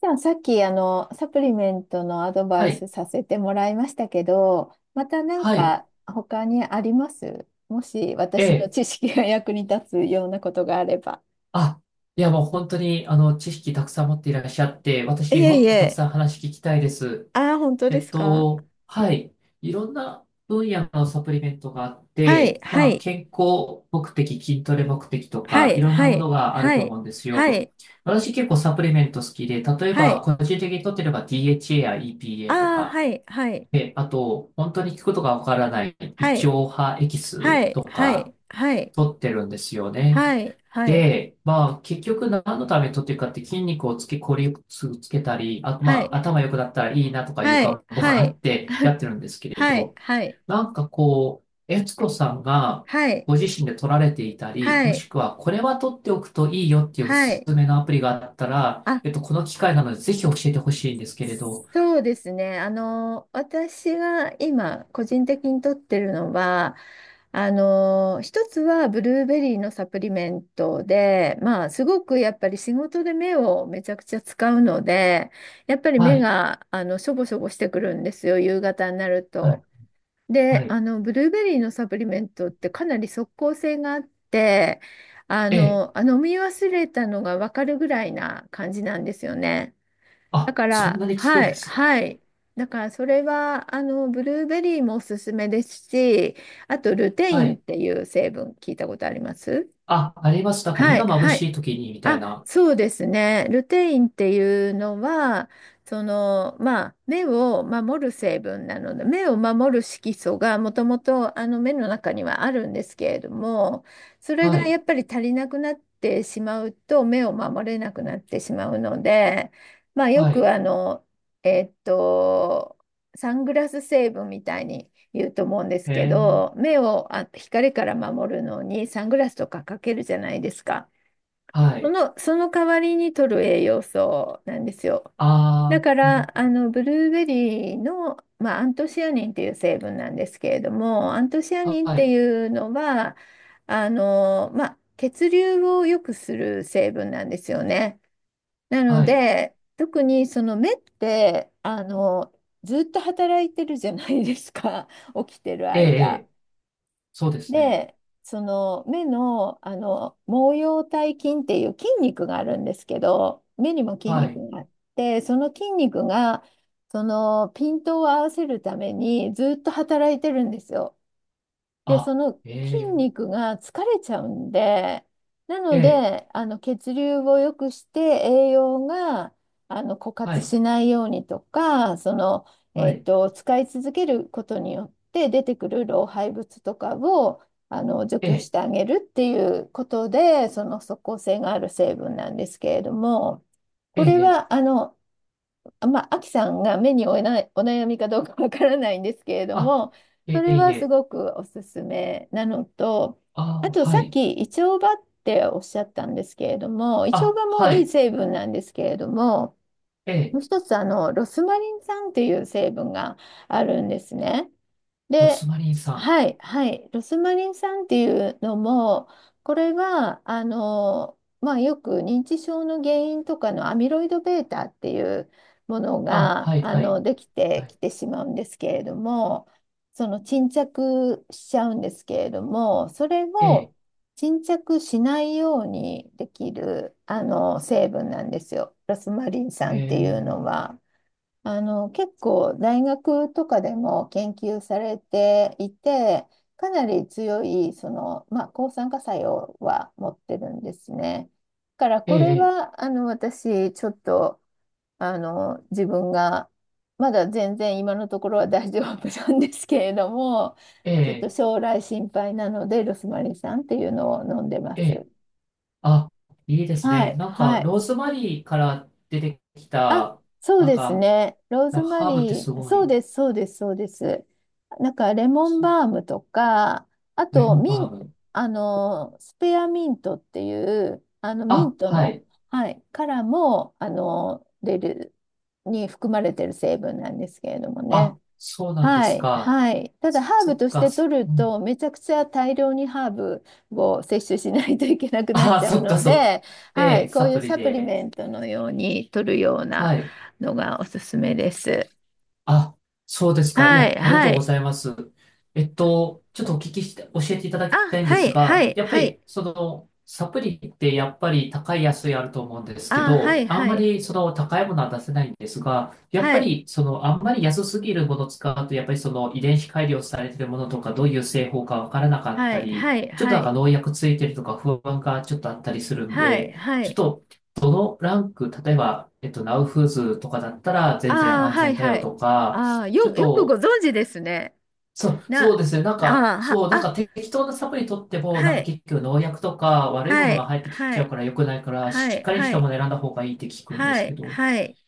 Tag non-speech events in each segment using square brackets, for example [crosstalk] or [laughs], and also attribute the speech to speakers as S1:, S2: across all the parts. S1: じゃあさっきサプリメントのアドバ
S2: は
S1: イス
S2: い。
S1: させてもらいましたけど、またなん
S2: はい。
S1: か他にあります？もし
S2: え
S1: 私の
S2: え。
S1: 知識が役に立つようなことがあれば。
S2: あ、いやもう本当に、知識たくさん持っていらっしゃって、
S1: い
S2: 私
S1: や
S2: も
S1: い
S2: っとたく
S1: や、
S2: さん話聞きたいです。
S1: あ、本当ですか。
S2: はい。いろんな分野のサプリメントがあっ
S1: はい
S2: て、
S1: は
S2: まあ、
S1: い
S2: 健康目的、筋トレ目的と
S1: は
S2: か、
S1: い
S2: いろんな
S1: は
S2: も
S1: い
S2: のがある
S1: は
S2: と思
S1: い
S2: うんです
S1: は
S2: よ。
S1: い
S2: 私結構サプリメント好きで、例え
S1: は
S2: ば、
S1: い、
S2: 個人的に取ってれば DHA や EPA と
S1: あ、
S2: か、
S1: はいはい
S2: で、あと、本当に聞くことがわからない、胃
S1: は
S2: 腸
S1: い
S2: 派エキス
S1: はい
S2: と
S1: は
S2: か、
S1: いはい
S2: 取ってるんですよね。
S1: はい
S2: で、まあ、結局何のために取っていくかって筋肉をつけ、効率をつけたり、あと
S1: は
S2: まあ、
S1: い
S2: 頭良くなったらいいなとかいう
S1: はい
S2: 願望
S1: は
S2: があっ
S1: い
S2: てやってるんですけれ
S1: はい
S2: ど、なんかこう、悦子さんがご自身で取られていたり、
S1: は
S2: もし
S1: い
S2: くはこれは取っておくといいよっていうお
S1: は
S2: す
S1: い、
S2: すめのアプリがあったら、
S1: あ。
S2: この機会なのでぜひ教えてほしいんですけれど、
S1: そうですね。私が今、個人的に取ってるのは、一つはブルーベリーのサプリメントで、まあ、すごくやっぱり仕事で目をめちゃくちゃ使うので、やっぱり
S2: は
S1: 目
S2: い、
S1: が、しょぼしょぼしてくるんですよ、夕方になる
S2: はい、
S1: と。
S2: は
S1: で、
S2: い。
S1: ブルーベリーのサプリメントってかなり即効性があって、
S2: ええ、
S1: 飲み忘れたのがわかるぐらいな感じなんですよね。だ
S2: あ、
S1: か
S2: そん
S1: ら、
S2: なに効くん
S1: は
S2: で
S1: い、
S2: すか。
S1: はい。だから、それは、ブルーベリーもおすすめですし、あと、ルテイ
S2: は
S1: ンっ
S2: い。
S1: ていう成分、聞いたことあります？
S2: あ、あります。なんか目
S1: は
S2: が
S1: い、
S2: 眩
S1: はい。
S2: しい時にみたい
S1: あ、
S2: な。
S1: そうですね。ルテインっていうのは、その、まあ、目を守る成分なので、目を守る色素がもともと目の中にはあるんですけれども、それ
S2: は
S1: が
S2: い、
S1: やっぱり足りなくなってしまうと、目を守れなくなってしまうので、まあ、よ
S2: は
S1: く
S2: い。
S1: あの、えっと、サングラス成分みたいに言うと思うんですけ
S2: ええ。
S1: ど、目を光から守るのにサングラスとかかけるじゃないですか。
S2: は
S1: そ
S2: い。
S1: の、その代わりに取る栄養素なんですよ。だ
S2: あ
S1: か
S2: あ、なる
S1: ら、ブルーベリーの、まあ、アントシアニンっていう成分なんですけれども、アントシア
S2: ほど。
S1: ニンっ
S2: は
S1: て
S2: い。
S1: いうのは、まあ、血流を良くする成分なんですよね。なの
S2: はい。
S1: で、特にその目って、ずっと働いてるじゃないですか、[laughs] 起きてる
S2: ええ、え
S1: 間。
S2: え。そうですね。
S1: で、その目の、毛様体筋っていう筋肉があるんですけど、目にも筋
S2: はい。
S1: 肉があって、その筋肉がそのピントを合わせるためにずっと働いてるんですよ。で、そ
S2: あ、
S1: の筋
S2: ええ、
S1: 肉が疲れちゃうんで、な
S2: え
S1: の
S2: え、
S1: で、血流を良くして栄養が枯
S2: は
S1: 渇
S2: い。
S1: しないようにとか、その、
S2: はい。
S1: 使い続けることによって出てくる老廃物とかを除
S2: え
S1: 去し
S2: え、
S1: てあげるっていうことで、その即効性がある成分なんですけれども、
S2: え
S1: これ
S2: え、え
S1: は
S2: え。
S1: まあ、アキさんが目に負えないお悩みかどうかわからないんですけれど
S2: あ、
S1: も、そ
S2: ええ、
S1: れ
S2: い
S1: はす
S2: え。
S1: ごくおすすめなのと、
S2: あ
S1: あ
S2: あ、
S1: とさ
S2: は
S1: っ
S2: い。
S1: きイチョウバっておっしゃったんですけれども、イチョウ
S2: あ、
S1: バも
S2: は
S1: いい
S2: い。
S1: 成分なんですけれども、
S2: え
S1: も
S2: え、
S1: う一つロスマリン酸っていう成分があるんですね。
S2: ロ
S1: で、
S2: スマリンさん。
S1: はい、はい、ロスマリン酸っていうのも、これは、まあ、よく認知症の原因とかのアミロイド β っていうもの
S2: あ、
S1: が、
S2: はい、はい。
S1: でき
S2: は
S1: てき
S2: い。
S1: てしまうんですけれども、その沈着しちゃうんですけれども、それ
S2: え
S1: を
S2: え、
S1: 沈着しないようにできる、成分なんですよ、ロスマリン
S2: え
S1: 酸っていう
S2: え、
S1: のは。結構大学とかでも研究されていて、かなり強い、その、まあ、抗酸化作用は持ってるんですね。だから、
S2: え
S1: これ
S2: え、
S1: は、私、ちょっと、自分が、まだ全然今のところは大丈夫なんですけれども、
S2: え
S1: ちょっと
S2: え、
S1: 将来心配なので、ロスマリン酸っていうのを飲んでま
S2: え
S1: す。
S2: え。あ、いいです
S1: は
S2: ね。
S1: い、
S2: なん
S1: は
S2: か、
S1: い。
S2: ローズマリーから出てき
S1: あ、
S2: た、
S1: そう
S2: なん
S1: です
S2: か、
S1: ね。ロー
S2: な
S1: ズ
S2: んか
S1: マ
S2: ハーブって
S1: リ
S2: す
S1: ー、
S2: ご
S1: そう
S2: い。
S1: です、そうです、そうです。なんか、レモンバームとか、あ
S2: レ
S1: と、
S2: モン
S1: ミ
S2: バ
S1: ン、
S2: ーム。
S1: あの、スペアミントっていう、ミン
S2: あ、
S1: ト
S2: は
S1: の、
S2: い。
S1: はい、からも、出る、に含まれてる成分なんですけれどもね。
S2: あ、そうなんで
S1: は
S2: す
S1: い、
S2: か。
S1: はい。ただ、
S2: そ
S1: ハー
S2: そ
S1: ブ
S2: っ
S1: とし
S2: か、
S1: て
S2: そ
S1: 取る
S2: うん。
S1: と、めちゃくちゃ大量にハーブを摂取しないといけなくなっ
S2: あ、
S1: ちゃう
S2: そっか、
S1: の
S2: そっか。
S1: で、は
S2: ええ、
S1: い、こう
S2: サ
S1: い
S2: プ
S1: う
S2: リ
S1: サプリ
S2: で。
S1: メントのように取るような
S2: はい。
S1: のがおすすめです。
S2: あ、そうですか。い
S1: はい、
S2: や、ありが
S1: は
S2: とうご
S1: い。
S2: ざいます。ちょっとお聞きして、教えていただ
S1: あ、
S2: きたいんで
S1: は
S2: す
S1: い、は
S2: が、
S1: い、
S2: やっぱ
S1: はい。
S2: り、その、サプリってやっぱり高い安いあると思うんですけ
S1: あ、は
S2: ど、
S1: い、
S2: あん
S1: は
S2: ま
S1: い。
S2: りその高いものは出せないんですが、やっ
S1: は
S2: ぱ
S1: い、
S2: りそのあんまり安すぎるものを使うと、やっぱりその遺伝子改良されてるものとか、どういう製法かわからなかっ
S1: は
S2: た
S1: い、
S2: り、
S1: はい、
S2: ちょっと
S1: は
S2: なんか
S1: い。
S2: 農薬ついてるとか不安がちょっとあったりするん
S1: はい、
S2: で、
S1: は
S2: ちょっ
S1: い。
S2: とランク、例えば、ナウフーズとかだったら全然
S1: あ、
S2: 安
S1: は
S2: 全
S1: い、
S2: だ
S1: は
S2: よ
S1: い。
S2: とか、
S1: あ、
S2: ちょっ
S1: よくご
S2: と、
S1: 存知ですね。
S2: そう、そ
S1: な、
S2: うですね。なん
S1: あ、
S2: か、
S1: は、
S2: そう、なん
S1: あ、
S2: か適当なサプリ取っても、なん
S1: は
S2: か
S1: い、
S2: 結局農薬とか悪いも
S1: は
S2: のが
S1: い、
S2: 入ってきち
S1: は
S2: ゃう
S1: い、
S2: から良くないから、
S1: は
S2: しっ
S1: い、
S2: かりし
S1: は
S2: たも
S1: い。
S2: の選んだ方がいいって聞くんで
S1: は
S2: すけ
S1: い、
S2: ど。
S1: はい。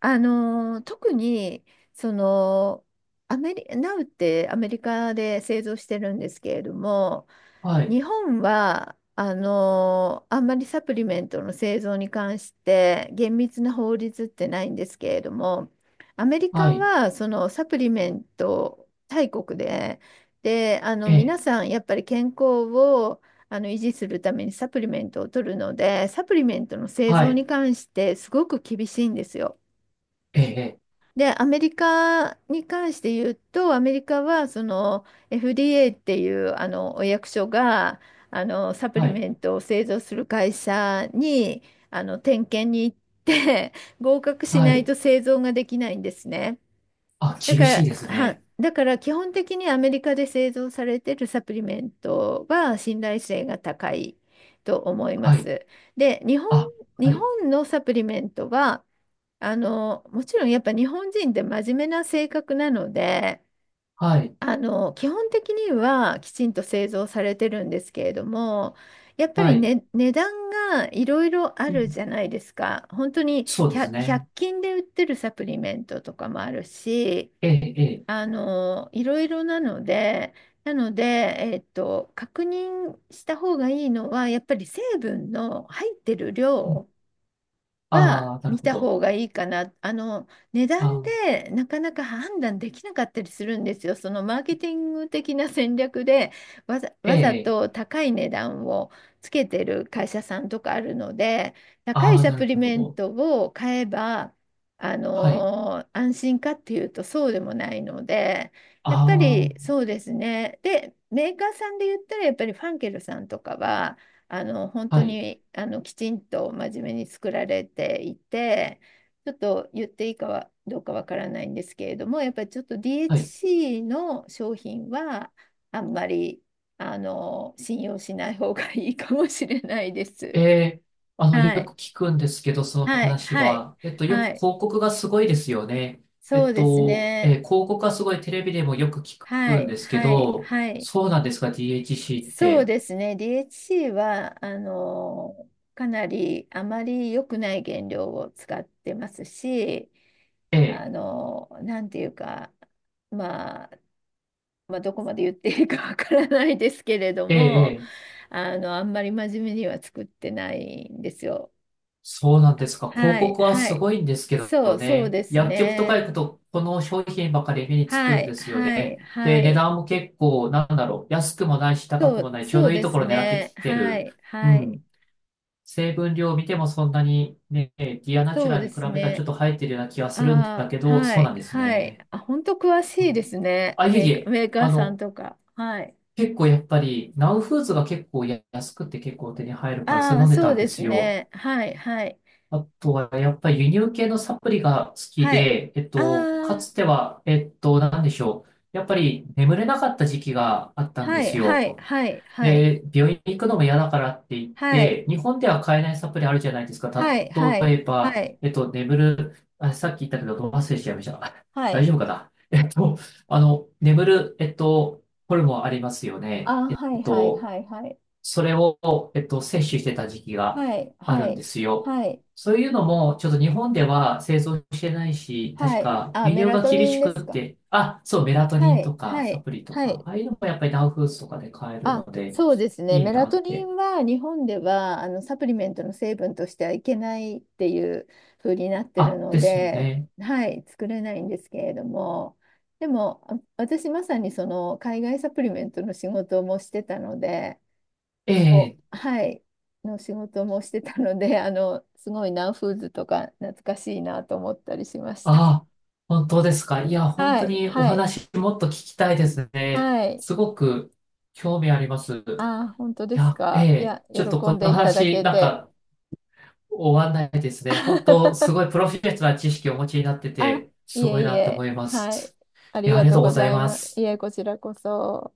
S1: あのー、特に、その、アメリ、ナウってアメリカで製造してるんですけれども、
S2: はい、
S1: 日本はあんまりサプリメントの製造に関して厳密な法律ってないんですけれども、アメリ
S2: は
S1: カ
S2: い、
S1: はそのサプリメント大国で、で
S2: ええ、
S1: 皆さんやっぱり健康を維持するためにサプリメントを取るのでサプリメントの製
S2: は
S1: 造
S2: い、
S1: に関してすごく厳しいんですよ。
S2: ええ、ええ、
S1: で、アメリカに関して言うと、アメリカはその FDA っていうお役所がサプ
S2: は
S1: リ
S2: い、
S1: メントを製造する会社に点検に行って [laughs] 合格し
S2: は
S1: ない
S2: い。
S1: と製造ができないんですね。
S2: あ、厳しいですね。
S1: だから基本的にアメリカで製造されているサプリメントは信頼性が高いと思いま
S2: はい、
S1: す。で、
S2: あ、は
S1: 日
S2: い、
S1: 本のサプリメントはもちろんやっぱ日本人って真面目な性格なので、
S2: はい、
S1: 基本的にはきちんと製造されてるんですけれども、やっぱ
S2: は
S1: り
S2: い。
S1: ね、値段がいろいろあ
S2: う
S1: る
S2: ん。
S1: じゃないですか。本当に
S2: そうですね。
S1: 100均で売ってるサプリメントとかもあるし、
S2: ええ、ええ。
S1: いろいろなので、なので、えっと、確認した方がいいのは、やっぱり成分の入ってる量は
S2: ああ、なる
S1: 見
S2: ほ
S1: た方
S2: ど。
S1: がいいかな。値
S2: あ
S1: 段
S2: ー、
S1: でなかなか判断できなかったりするんですよ。そのマーケティング的な戦略で
S2: え
S1: わざ
S2: え、
S1: と高い値段をつけてる会社さんとかあるので、高
S2: あ
S1: い
S2: あ、
S1: サ
S2: な
S1: プ
S2: る
S1: リ
S2: ほ
S1: メン
S2: ど。
S1: トを買えば、
S2: はい。
S1: 安心かっていうとそうでもないので、やっぱり
S2: あ
S1: そうですね。で、メーカーさんで言ったらやっぱりファンケルさんとかは、本
S2: あ、
S1: 当
S2: はい、
S1: にきちんと真面目に作られていて、ちょっと言っていいかはどうかわからないんですけれども、やっぱりちょっと
S2: はい。
S1: DHC の商品はあんまり信用しない方がいいかもしれないです。
S2: ええ、あの、よ
S1: は
S2: く
S1: い、
S2: 聞くんですけど、その
S1: はい、
S2: 話
S1: はい、
S2: は。よ
S1: は
S2: く
S1: い、
S2: 広告がすごいですよね。
S1: そうですね。
S2: 広告がすごいテレビでもよく聞
S1: は
S2: くん
S1: い、
S2: ですけ
S1: はい、
S2: ど、
S1: はい。
S2: そうなんですか、DHC っ
S1: そう
S2: て。
S1: ですね。DHC は、かなりあまり良くない原料を使ってますし、
S2: ええ、
S1: あの、なんていうか、まあ、まあ、どこまで言っていいかわからないですけれど
S2: ええ、
S1: も、
S2: え、
S1: あんまり真面目には作ってないんですよ。
S2: そうなんですか。広
S1: はい、
S2: 告は
S1: は
S2: す
S1: い。
S2: ごいんですけ
S1: そ
S2: ど
S1: う、そう
S2: ね。
S1: です
S2: 薬局とか
S1: ね。
S2: 行くと、この商品ばかり目につく
S1: は
S2: ん
S1: い、
S2: ですよ
S1: はい、
S2: ね。
S1: は
S2: で、値
S1: い。
S2: 段も結構、なんだろう。安くもないし、高
S1: そ
S2: くも
S1: う、
S2: ない。ちょう
S1: そ
S2: ど
S1: う
S2: いい
S1: で
S2: とこ
S1: す
S2: ろ狙って
S1: ね。
S2: きて
S1: は
S2: る。
S1: い、
S2: う
S1: はい。
S2: ん。成分量を見てもそんなにね、ディアナチ
S1: そ
S2: ュ
S1: う
S2: ラ
S1: で
S2: に比
S1: す
S2: べたらちょっ
S1: ね。
S2: と入ってるような気がするんだ
S1: あ
S2: け
S1: あ、
S2: ど、
S1: は
S2: そうな
S1: い、
S2: んです
S1: はい。
S2: ね。
S1: あ、本当詳しいですね。
S2: あ、いえいえ。
S1: メーカ
S2: あ
S1: ーさん
S2: の、
S1: とか。はい。
S2: 結構やっぱり、ナウフーズが結構安くて結構手に入るから、そ
S1: あ
S2: れ飲
S1: あ、
S2: んで
S1: そ
S2: た
S1: う
S2: んで
S1: です
S2: すよ。
S1: ね。はい、はい、
S2: あとは、やっぱり輸入系のサプリが好き
S1: はい。
S2: で、
S1: あ
S2: か
S1: あ、
S2: つては、なんでしょう。やっぱり眠れなかった時期があったんで
S1: はい、
S2: す
S1: はい、
S2: よ。
S1: はい、はい、
S2: で、病院に行くのも嫌だからって言っ
S1: はい、
S2: て、日本では買えないサプリあるじゃないですか。
S1: はい、はい、
S2: 例えば、
S1: はい、
S2: 眠る、あ、さっき言ったけど、忘れちゃいました。[laughs]
S1: は
S2: 大
S1: い。
S2: 丈夫かな。眠る、ホルモンありますよね。
S1: ああ、はい、はい、はい、はい、
S2: それを、摂取してた時期が
S1: はい、
S2: あ
S1: は
S2: るんで
S1: い、
S2: すよ。
S1: はい、
S2: そういうのも、ちょっと日本では製造してないし、確
S1: はい。
S2: か
S1: あ、
S2: 輸
S1: メ
S2: 入
S1: ラ
S2: が
S1: ト
S2: 厳
S1: ニン
S2: し
S1: で
S2: くっ
S1: すか。
S2: て、あ、そう、メラトニ
S1: は
S2: ン
S1: い、
S2: とか
S1: は
S2: サ
S1: い、
S2: プリと
S1: は
S2: か、
S1: い。
S2: ああいうのもやっぱりダウフーズとかで買える
S1: あ、
S2: ので、
S1: そうですね。
S2: いい
S1: メラ
S2: な
S1: ト
S2: っ
S1: ニ
S2: て。
S1: ンは日本ではサプリメントの成分としてはいけないっていう風になってる
S2: あ、
S1: の
S2: ですよ
S1: で、
S2: ね。
S1: はい、作れないんですけれども、でも私まさにその海外サプリメントの仕事もしてたので、
S2: え
S1: こ
S2: え、
S1: う、はい、の仕事もしてたので、すごいナウフーズとか懐かしいなと思ったりしました。
S2: あ、本当ですか。いや、本
S1: は
S2: 当
S1: い、
S2: にお
S1: はい、
S2: 話もっと聞きたいですね。
S1: はい。
S2: すごく興味あります。い
S1: あー、本当です
S2: や、え
S1: か。い
S2: え、
S1: や、
S2: ちょっと
S1: 喜
S2: こ
S1: んで
S2: の
S1: いただ
S2: 話、
S1: け
S2: なん
S1: て。
S2: か、終わんないですね。本当、すご
S1: [laughs]
S2: いプロフェッショナルな知識をお持ちになって
S1: あ、
S2: て、
S1: い
S2: すごい
S1: えい
S2: なって思
S1: え、
S2: いま
S1: はい。
S2: す。
S1: あ
S2: い
S1: り
S2: や、あ
S1: が
S2: りが
S1: とう
S2: とうご
S1: ご
S2: ざい
S1: ざい
S2: ま
S1: ます。い
S2: す。
S1: え、こちらこそ。